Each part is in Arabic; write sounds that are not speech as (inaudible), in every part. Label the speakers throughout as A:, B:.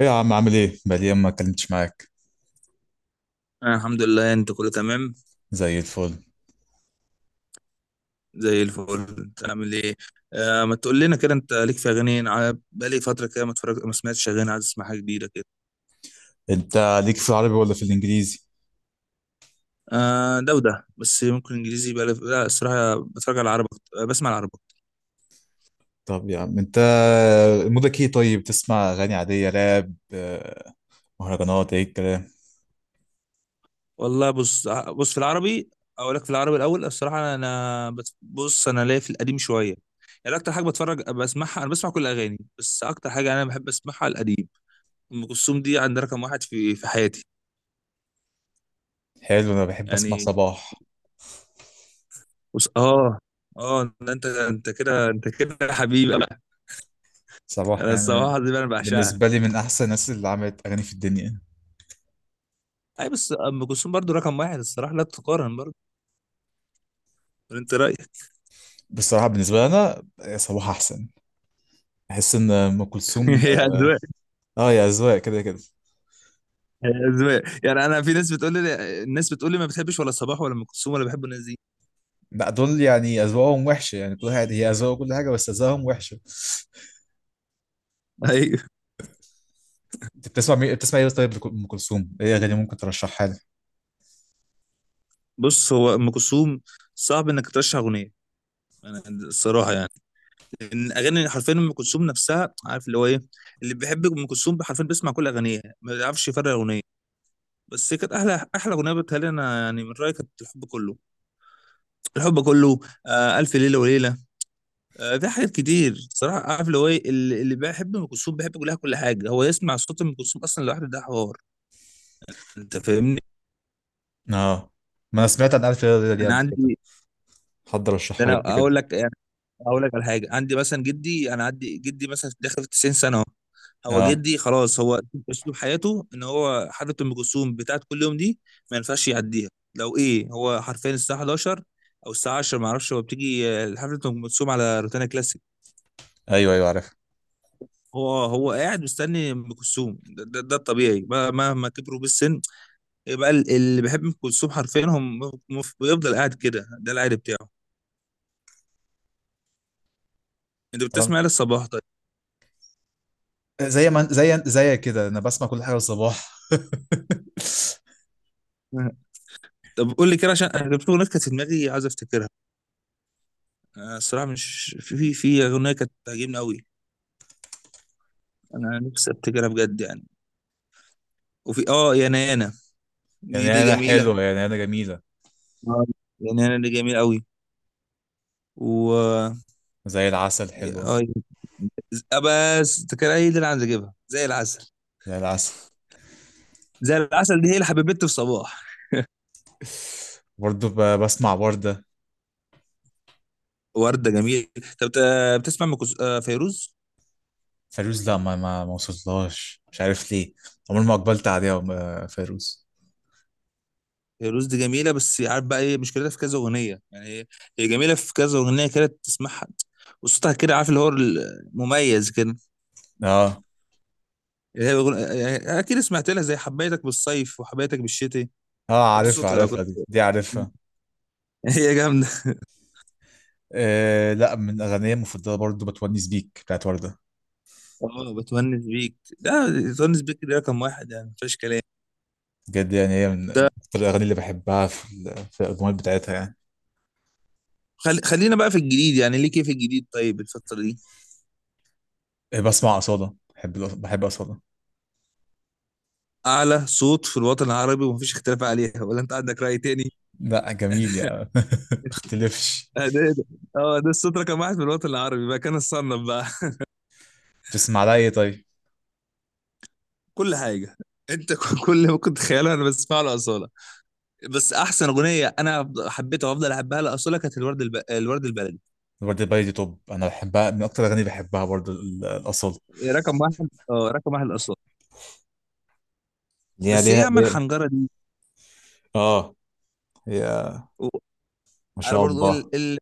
A: ايه يا عم، عامل ايه؟ بقالي يوم ما اتكلمتش معاك.
B: أنا الحمد لله، انت كله تمام؟
A: زي الفل.
B: زي الفل، انت عامل ايه؟ آه، ما تقول لنا كده، انت ليك في اغاني؟ انا بقالي فتره كده ما اتفرج، ما سمعتش اغاني، عايز اسمع حاجه جديده كده.
A: انت ليك في العربي ولا في الانجليزي؟
B: آه ده وده، بس ممكن انجليزي بقالي لا، الصراحه بتفرج على العربي أكتر- بسمع العربي.
A: طب يا عم انت، مودك ايه طيب؟ تسمع اغاني عادية، راب، مهرجانات، ايه الكلام؟
B: والله بص، بص في العربي. اقول لك في العربي الاول، الصراحه انا بص، انا ليا في القديم شويه. يعني اكتر حاجه بتفرج بسمعها، انا بسمع كل الاغاني، بس اكتر حاجه انا بحب اسمعها القديم. ام كلثوم دي عند رقم واحد في حياتي.
A: حلو، انا بحب اسمع
B: يعني
A: صباح.
B: بص، اه. اه، ده انت كده، انت كده يا حبيبي بقى.
A: صباح،
B: انا
A: يعني
B: الصراحه دي بقى انا بعشقها.
A: بالنسبة لي من احسن الناس اللي عملت اغاني في الدنيا.
B: اي، بس ام كلثوم برضو رقم واحد الصراحه، لا تقارن برضو. ولا انت رايك؟
A: بصراحة بالنسبة لي انا، صباح احسن. بحس ان ام
B: (laughs)
A: كلثوم.
B: هي
A: اه.
B: اذواق.
A: يا اذواق، كده كده.
B: هي اذواق يعني، انا في ناس بتقول لي، الناس بتقول لي ما بتحبش ولا صباح ولا ام كلثوم، ولا بحب الناس دي.
A: لا دول يعني اذواقهم وحشة، يعني كل واحد هي اذواق كل حاجة، بس اذواقهم وحشة.
B: (laughs) ايوه.
A: انت بتسمع بتسمع ايه طيب، ام كلثوم، ايه اغاني ممكن ترشحها لي؟
B: بص، هو ام كلثوم صعب انك ترشح اغنيه. انا الصراحه يعني، ان اغاني حرفيا ام كلثوم نفسها، عارف اللي هو ايه، اللي بيحب ام كلثوم حرفيا بيسمع كل اغانيها، ما بيعرفش يفرق اغنيه. بس هي كانت احلى احلى اغنيه بتهيألي انا، يعني من رايي كانت الحب كله. الحب كله. آه، الف ليله وليله. آه، في حاجات كتير صراحه، عارف اللي هو ايه، اللي بيحب ام كلثوم بيحب كلها، كل حاجه، هو يسمع صوت ام كلثوم اصلا لوحده ده حوار. انت فاهمني؟
A: اه، ما انا سمعت عن الف ليله وليله دي
B: انا
A: قبل كده.
B: عندي،
A: حد
B: ده
A: رشحها لي قبل
B: انا
A: كده.
B: اقول لك يعني، اقول لك على حاجه. عندي مثلا جدي، انا عندي جدي مثلا داخل في 90 سنه أهو. هو
A: اه،
B: جدي خلاص، هو اسلوب حياته ان هو حفله ام كلثوم بتاعت كل يوم دي ما ينفعش يعديها. لو ايه هو حرفيا الساعه 11 او الساعه 10، ما اعرفش، هو بتيجي حفله ام كلثوم على روتانا كلاسيك.
A: ايوه ايوه، عارف.
B: هو قاعد مستني ام كلثوم، ده الطبيعي. مهما كبروا بالسن، يبقى اللي بيحب ام كلثوم حرفيا هم بيفضل قاعد كده، ده العادي بتاعه. انت
A: تمام.
B: بتسمع للصباح طيب؟
A: زي ما زي زي كده انا بسمع كل حاجه الصباح. (laughs)
B: طب قول لي كده، عشان انا كان في اغنيه كانت في دماغي عايز افتكرها. أنا الصراحه مش، في اغنيه كانت تعجبني قوي، انا نفسي افتكرها بجد يعني. وفي يا نانا، دي
A: يعني
B: دي
A: انا
B: جميله.
A: حلوه، يعني انا جميله.
B: آه، يا نانا دي جميله قوي. و
A: زي العسل حلوه.
B: اه بس فاكرها هي دي اللي عايز اجيبها، زي العسل.
A: زي العسل.
B: زي العسل دي هي اللي حبيبتي في صباح.
A: برضه بسمع ورده.
B: وردة جميل. طب بتسمع ام كلث- آه، فيروز؟
A: فيروز، لا ما وصلتلهاش، مش عارف ليه. عمري ما اقبلت عليها فيروز.
B: فيروز دي جميلة، بس عارف بقى ايه مشكلتها؟ في كذا أغنية يعني هي، هي جميلة في كذا أغنية كده تسمعها. وصوتها كده عارف اللي هو المميز كده،
A: اه،
B: يعني هي يعني أكيد سمعت لها زي حبيتك بالصيف وحبيتك بالشتاء.
A: اه،
B: دي
A: عارفها
B: صوتها أنا
A: عارفها،
B: كنت
A: دي
B: (laughs)
A: دي عارفها.
B: هي جامدة.
A: آه، لا، من اغانيه المفضله برضه بتونس بيك بتاعت ورده.
B: اه، بتونس بيك ده، بتونس بيك ده رقم واحد يعني مفيش كلام.
A: بجد يعني، هي من
B: ده
A: اكتر الاغاني اللي بحبها في الاجمال بتاعتها يعني.
B: خلينا بقى في الجديد. يعني ليه كيف الجديد طيب الفترة دي؟
A: بسمع اصاله. بحب بحب اصاله.
B: أعلى صوت في الوطن العربي، ومفيش اختلاف عليها، ولا أنت عندك رأي تاني؟
A: لا جميل يعني. (laughs) اختلفش.
B: آه، ده إيه ده- اه، ده الصوت رقم واحد في الوطن العربي بقى، كان الصنف بقى.
A: تسمع لها ايه طيب؟
B: (laughs) كل حاجه. انت كل اللي ممكن تتخيله انا بسمعه لاصاله. بس احسن اغنيه انا حبيتها وافضل احبها لاصاله كانت الورد الورد البلدي.
A: ورده باي دي توب، انا بحبها من اكتر الاغاني اللي بحبها برضه الاصاله.
B: رقم واحد، اه رقم واحد لاصاله.
A: ليها
B: بس ايه يا
A: ليها
B: عم
A: ليها.
B: الحنجره دي.
A: اه، هي،
B: و-
A: ما
B: انا
A: شاء
B: برضو
A: الله.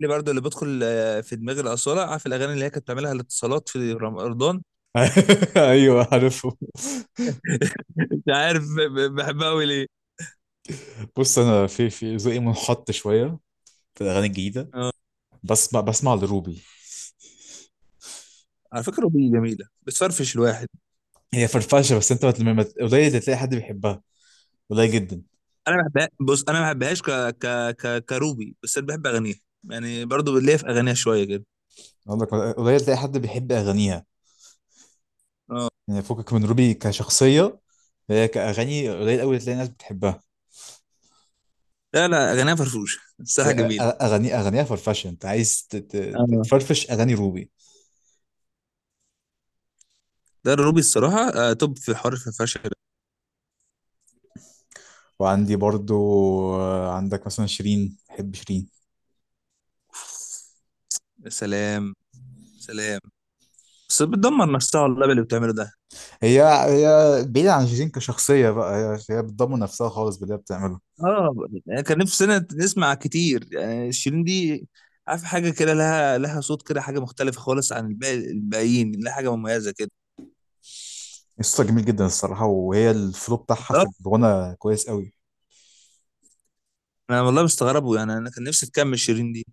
B: اللي برضو اللي بدخل في دماغي الاصاله، عارف الاغاني اللي هي كانت بتعملها الاتصالات في رمضان؟
A: (laughs) ايوه عارفه.
B: مش عارف بحبها قوي ليه.
A: بص انا في ذوقي منحط شويه في الاغاني الجديده.
B: اه،
A: بسمع لروبي.
B: على فكره اغنيه جميله بتفرفش الواحد.
A: هي فرفشه، بس انت قليل اللي تلاقي حد بيحبها. قليل جدا.
B: انا ما بحبها، بص انا ما بحبهاش ك... كروبي، بس انا بحب اغانيها، يعني برضو ليا في اغانيها شويه كده.
A: اقول لك، قليل تلاقي حد بيحب اغانيها،
B: اه،
A: يعني فكك من روبي كشخصيه. هي كاغاني قليل قوي تلاقي ناس بتحبها.
B: لا لا، اغانيها فرفوشه (laughs)
A: بس
B: الصراحه جميله.
A: اغاني اغانيها فرفشه. انت عايز
B: اه،
A: تفرفش اغاني روبي.
B: ده الروبي الصراحه توب في حوار الفرفشه ده.
A: وعندي برضو، عندك مثلا شيرين. بحب شيرين.
B: يا سلام، سلام. بس بتدمر نفسها والله باللي بتعمله ده.
A: هي بعيدة عن شيرين كشخصية بقى. هي بتضمن نفسها خالص باللي هي بتعمله.
B: اه، يعني كان نفسنا نسمع كتير يعني شيرين دي، عارف حاجه كده، لها صوت كده حاجه مختلفه خالص عن الباقيين، لها حاجه مميزه كده.
A: قصة جميل جدا الصراحة، وهي الفلو بتاعها في
B: بالظبط.
A: الغنى كويس قوي.
B: انا والله مستغربه يعني، انا كان نفسي تكمل شيرين دي.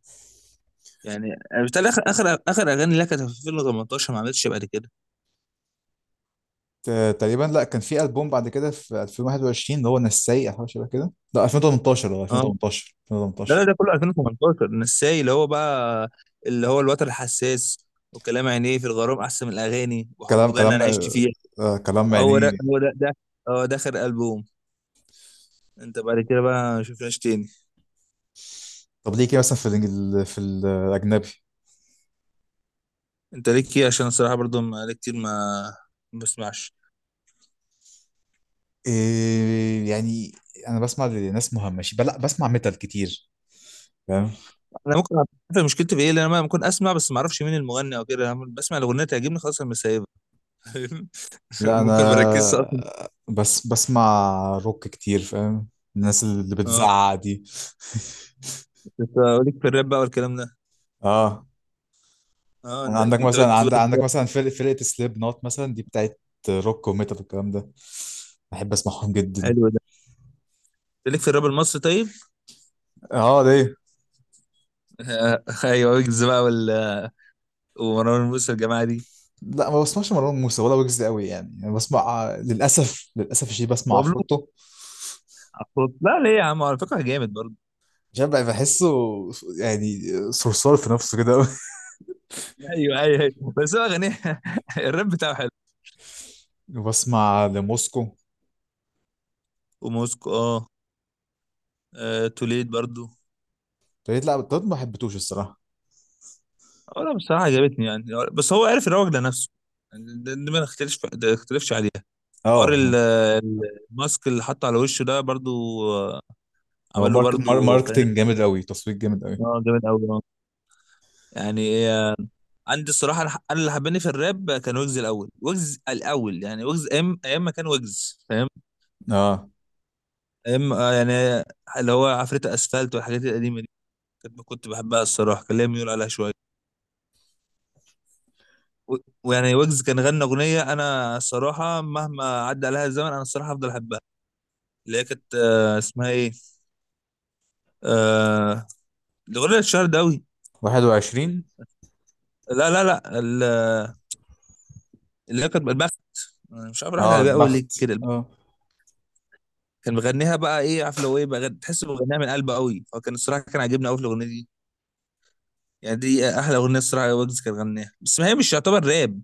B: يعني بالتالي اخر اغاني لها كانت في 2018، ما عملتش بعد كده.
A: تقريبا، لا كان في ألبوم بعد كده في 2021، اللي هو نساي أو حاجة شبه كده. لا 2018. اه
B: اه،
A: 2018،
B: لا لا،
A: 2018.
B: ده كله 2018، نساي اللي هو بقى، اللي هو الوتر الحساس، وكلام عينيه في الغرام احسن من الاغاني،
A: كلام،
B: وحب جنه
A: كلام،
B: انا عشت فيها.
A: كلام يعني.
B: هو ده هو ده ده هو ده اخر البوم. انت بعد كده بقى ما شفناش تاني.
A: طب ليه كده مثلا في الأجنبي؟
B: انت ليك ايه؟ عشان الصراحه برضو بقالي كتير ما بسمعش.
A: إيه يعني؟ أنا بسمع لناس مهمشة، لا بسمع ميتال كتير، فاهم.
B: انا ممكن أعرف مشكلتي في ايه، لان انا ممكن اسمع بس ما اعرفش مين المغني او كده، أنا بسمع الاغنيه تعجبني خلاص انا مسايبها. (laughs)
A: لا
B: ممكن ما اركزش اصلا.
A: أنا بس بسمع روك كتير، فاهم، الناس اللي
B: آه.
A: بتزعق دي.
B: كنت اقول لك في الراب بقى والكلام ده.
A: (laughs) اه.
B: اه،
A: يعني
B: انت
A: عندك
B: اكيد تقعد
A: مثلا، عندك مثلا فرقة سليب نوت مثلا، دي بتاعت روك وميتال والكلام ده، بحب اسمعهم جدا.
B: حلو ده. ليك في الراب المصري طيب؟
A: اه ليه.
B: آه، (laughs) ايوه، ويجز بقى ومروان موسى والجماعه دي.
A: لا ما بسمعش مروان موسى ولا ويجز قوي يعني. انا بسمع، للاسف للاسف شيء، بسمع
B: بابلو
A: عفروتو.
B: أخوك. لا ليه يا عم، على فكره جامد برضه.
A: عشان بقى بحسه، يعني، صرصار في نفسه كده قوي.
B: ايوه ايوه أيوة. بس هو غني (laughs) الراب بتاعه حلو.
A: (laughs) وبسمع لموسكو.
B: وموسكو اه. آه، توليد برضه.
A: فريد، لا ده ما حبيتوش الصراحة.
B: اه، لا بصراحه عجبتني يعني، بس هو عارف يروج لنفسه، يعني ده ما نختلفش، ده نختلفش عليها. حوار
A: اه،
B: الماسك اللي حطه على وشه ده برضه، آه،
A: هو
B: عمل له برضه فنان.
A: ماركتينج جامد قوي، تصوير جامد قوي.
B: اه، جامد قوي، يعني عندي الصراحه، انا اللي حباني في الراب كان ويجز الاول، ويجز الاول يعني، ويجز ايام ايام ما كان ويجز فاهم؟
A: اه،
B: ايام يعني، اللي هو عفريت اسفلت والحاجات القديمه دي، كنت بحبها الصراحه، كان ليا ميول عليها شويه. و- ويعني ويجز كان غنى اغنيه انا الصراحه مهما عدى عليها الزمن انا الصراحه هفضل احبها، اللي هي كانت اسمها ايه، آه، الاغنيه الشهر ده قوي.
A: 21.
B: لا لا لا اللي هي كانت البخت. أنا مش عارف راحت على
A: اه
B: بالي قوي ليه
A: بخت.
B: كده.
A: اه،
B: كان مغنيها بقى ايه عارف لو ايه بقى، تحسه مغنيها من قلبه قوي، فكان الصراحه كان عاجبني قوي في الاغنيه دي، يعني دي احلى اغنيه الصراحه ويجز كان غناها، بس ما هي مش يعتبر راب،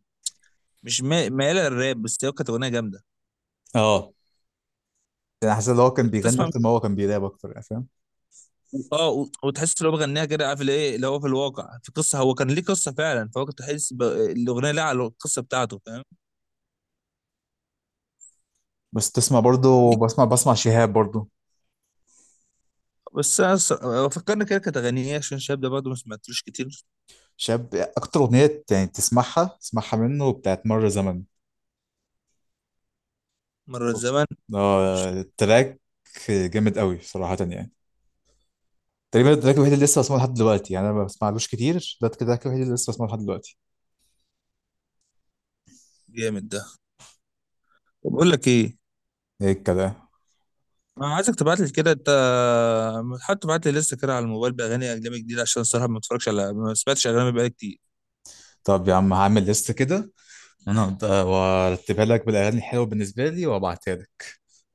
B: مش مايله للراب، بس هي كانت اغنيه جامده.
A: اه، انا حاسس ان هو كان
B: انت
A: بيغني
B: تسمع،
A: اكتر ما هو كان بيراب اكتر، يعني فاهم.
B: اه، وتحس لو بغنيها كده، عارف اللي ايه، اللي هو في الواقع في قصه، هو كان ليه قصه فعلا، فهو كنت تحس الاغنيه لها على القصه بتاعته، فاهم؟
A: بس تسمع برضه،
B: ليه؟
A: بسمع شهاب برضه.
B: بس انا فكرني كده كانت اغانيه إيه، عشان الشاب ده برضه ما سمعتلوش كتير.
A: شهاب اكتر اغنيه يعني تسمعها تسمعها منه بتاعت مر زمن.
B: مره زمان، مش
A: اه
B: فاكر.
A: التراك جامد قوي صراحه يعني. تقريبا التراك الوحيد اللي لسه بسمعه لحد دلوقتي، يعني انا ما بسمعلوش كتير، ده التراك الوحيد اللي لسه بسمعه لحد دلوقتي.
B: جامد ده. طب اقول لك ايه،
A: ايه الكلام؟
B: انا عايزك تبعت لي كده انت، حتى تبعت لي لسه كده على الموبايل باغاني اجنبي جديده، عشان الصراحه ما بتفرجش، على ما سمعتش اجنبي بقالي كتير.
A: طب يا عم هعمل ليست كده انا، وارتبها لك بالاغاني الحلوه بالنسبه لي وابعتها لك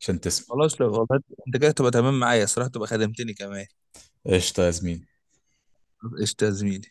A: عشان تسمع.
B: خلاص، لو والله انت كده تبقى تمام معايا الصراحه، تبقى خدمتني كمان.
A: قشطه يا زميلي.
B: قشطه يا زميلي.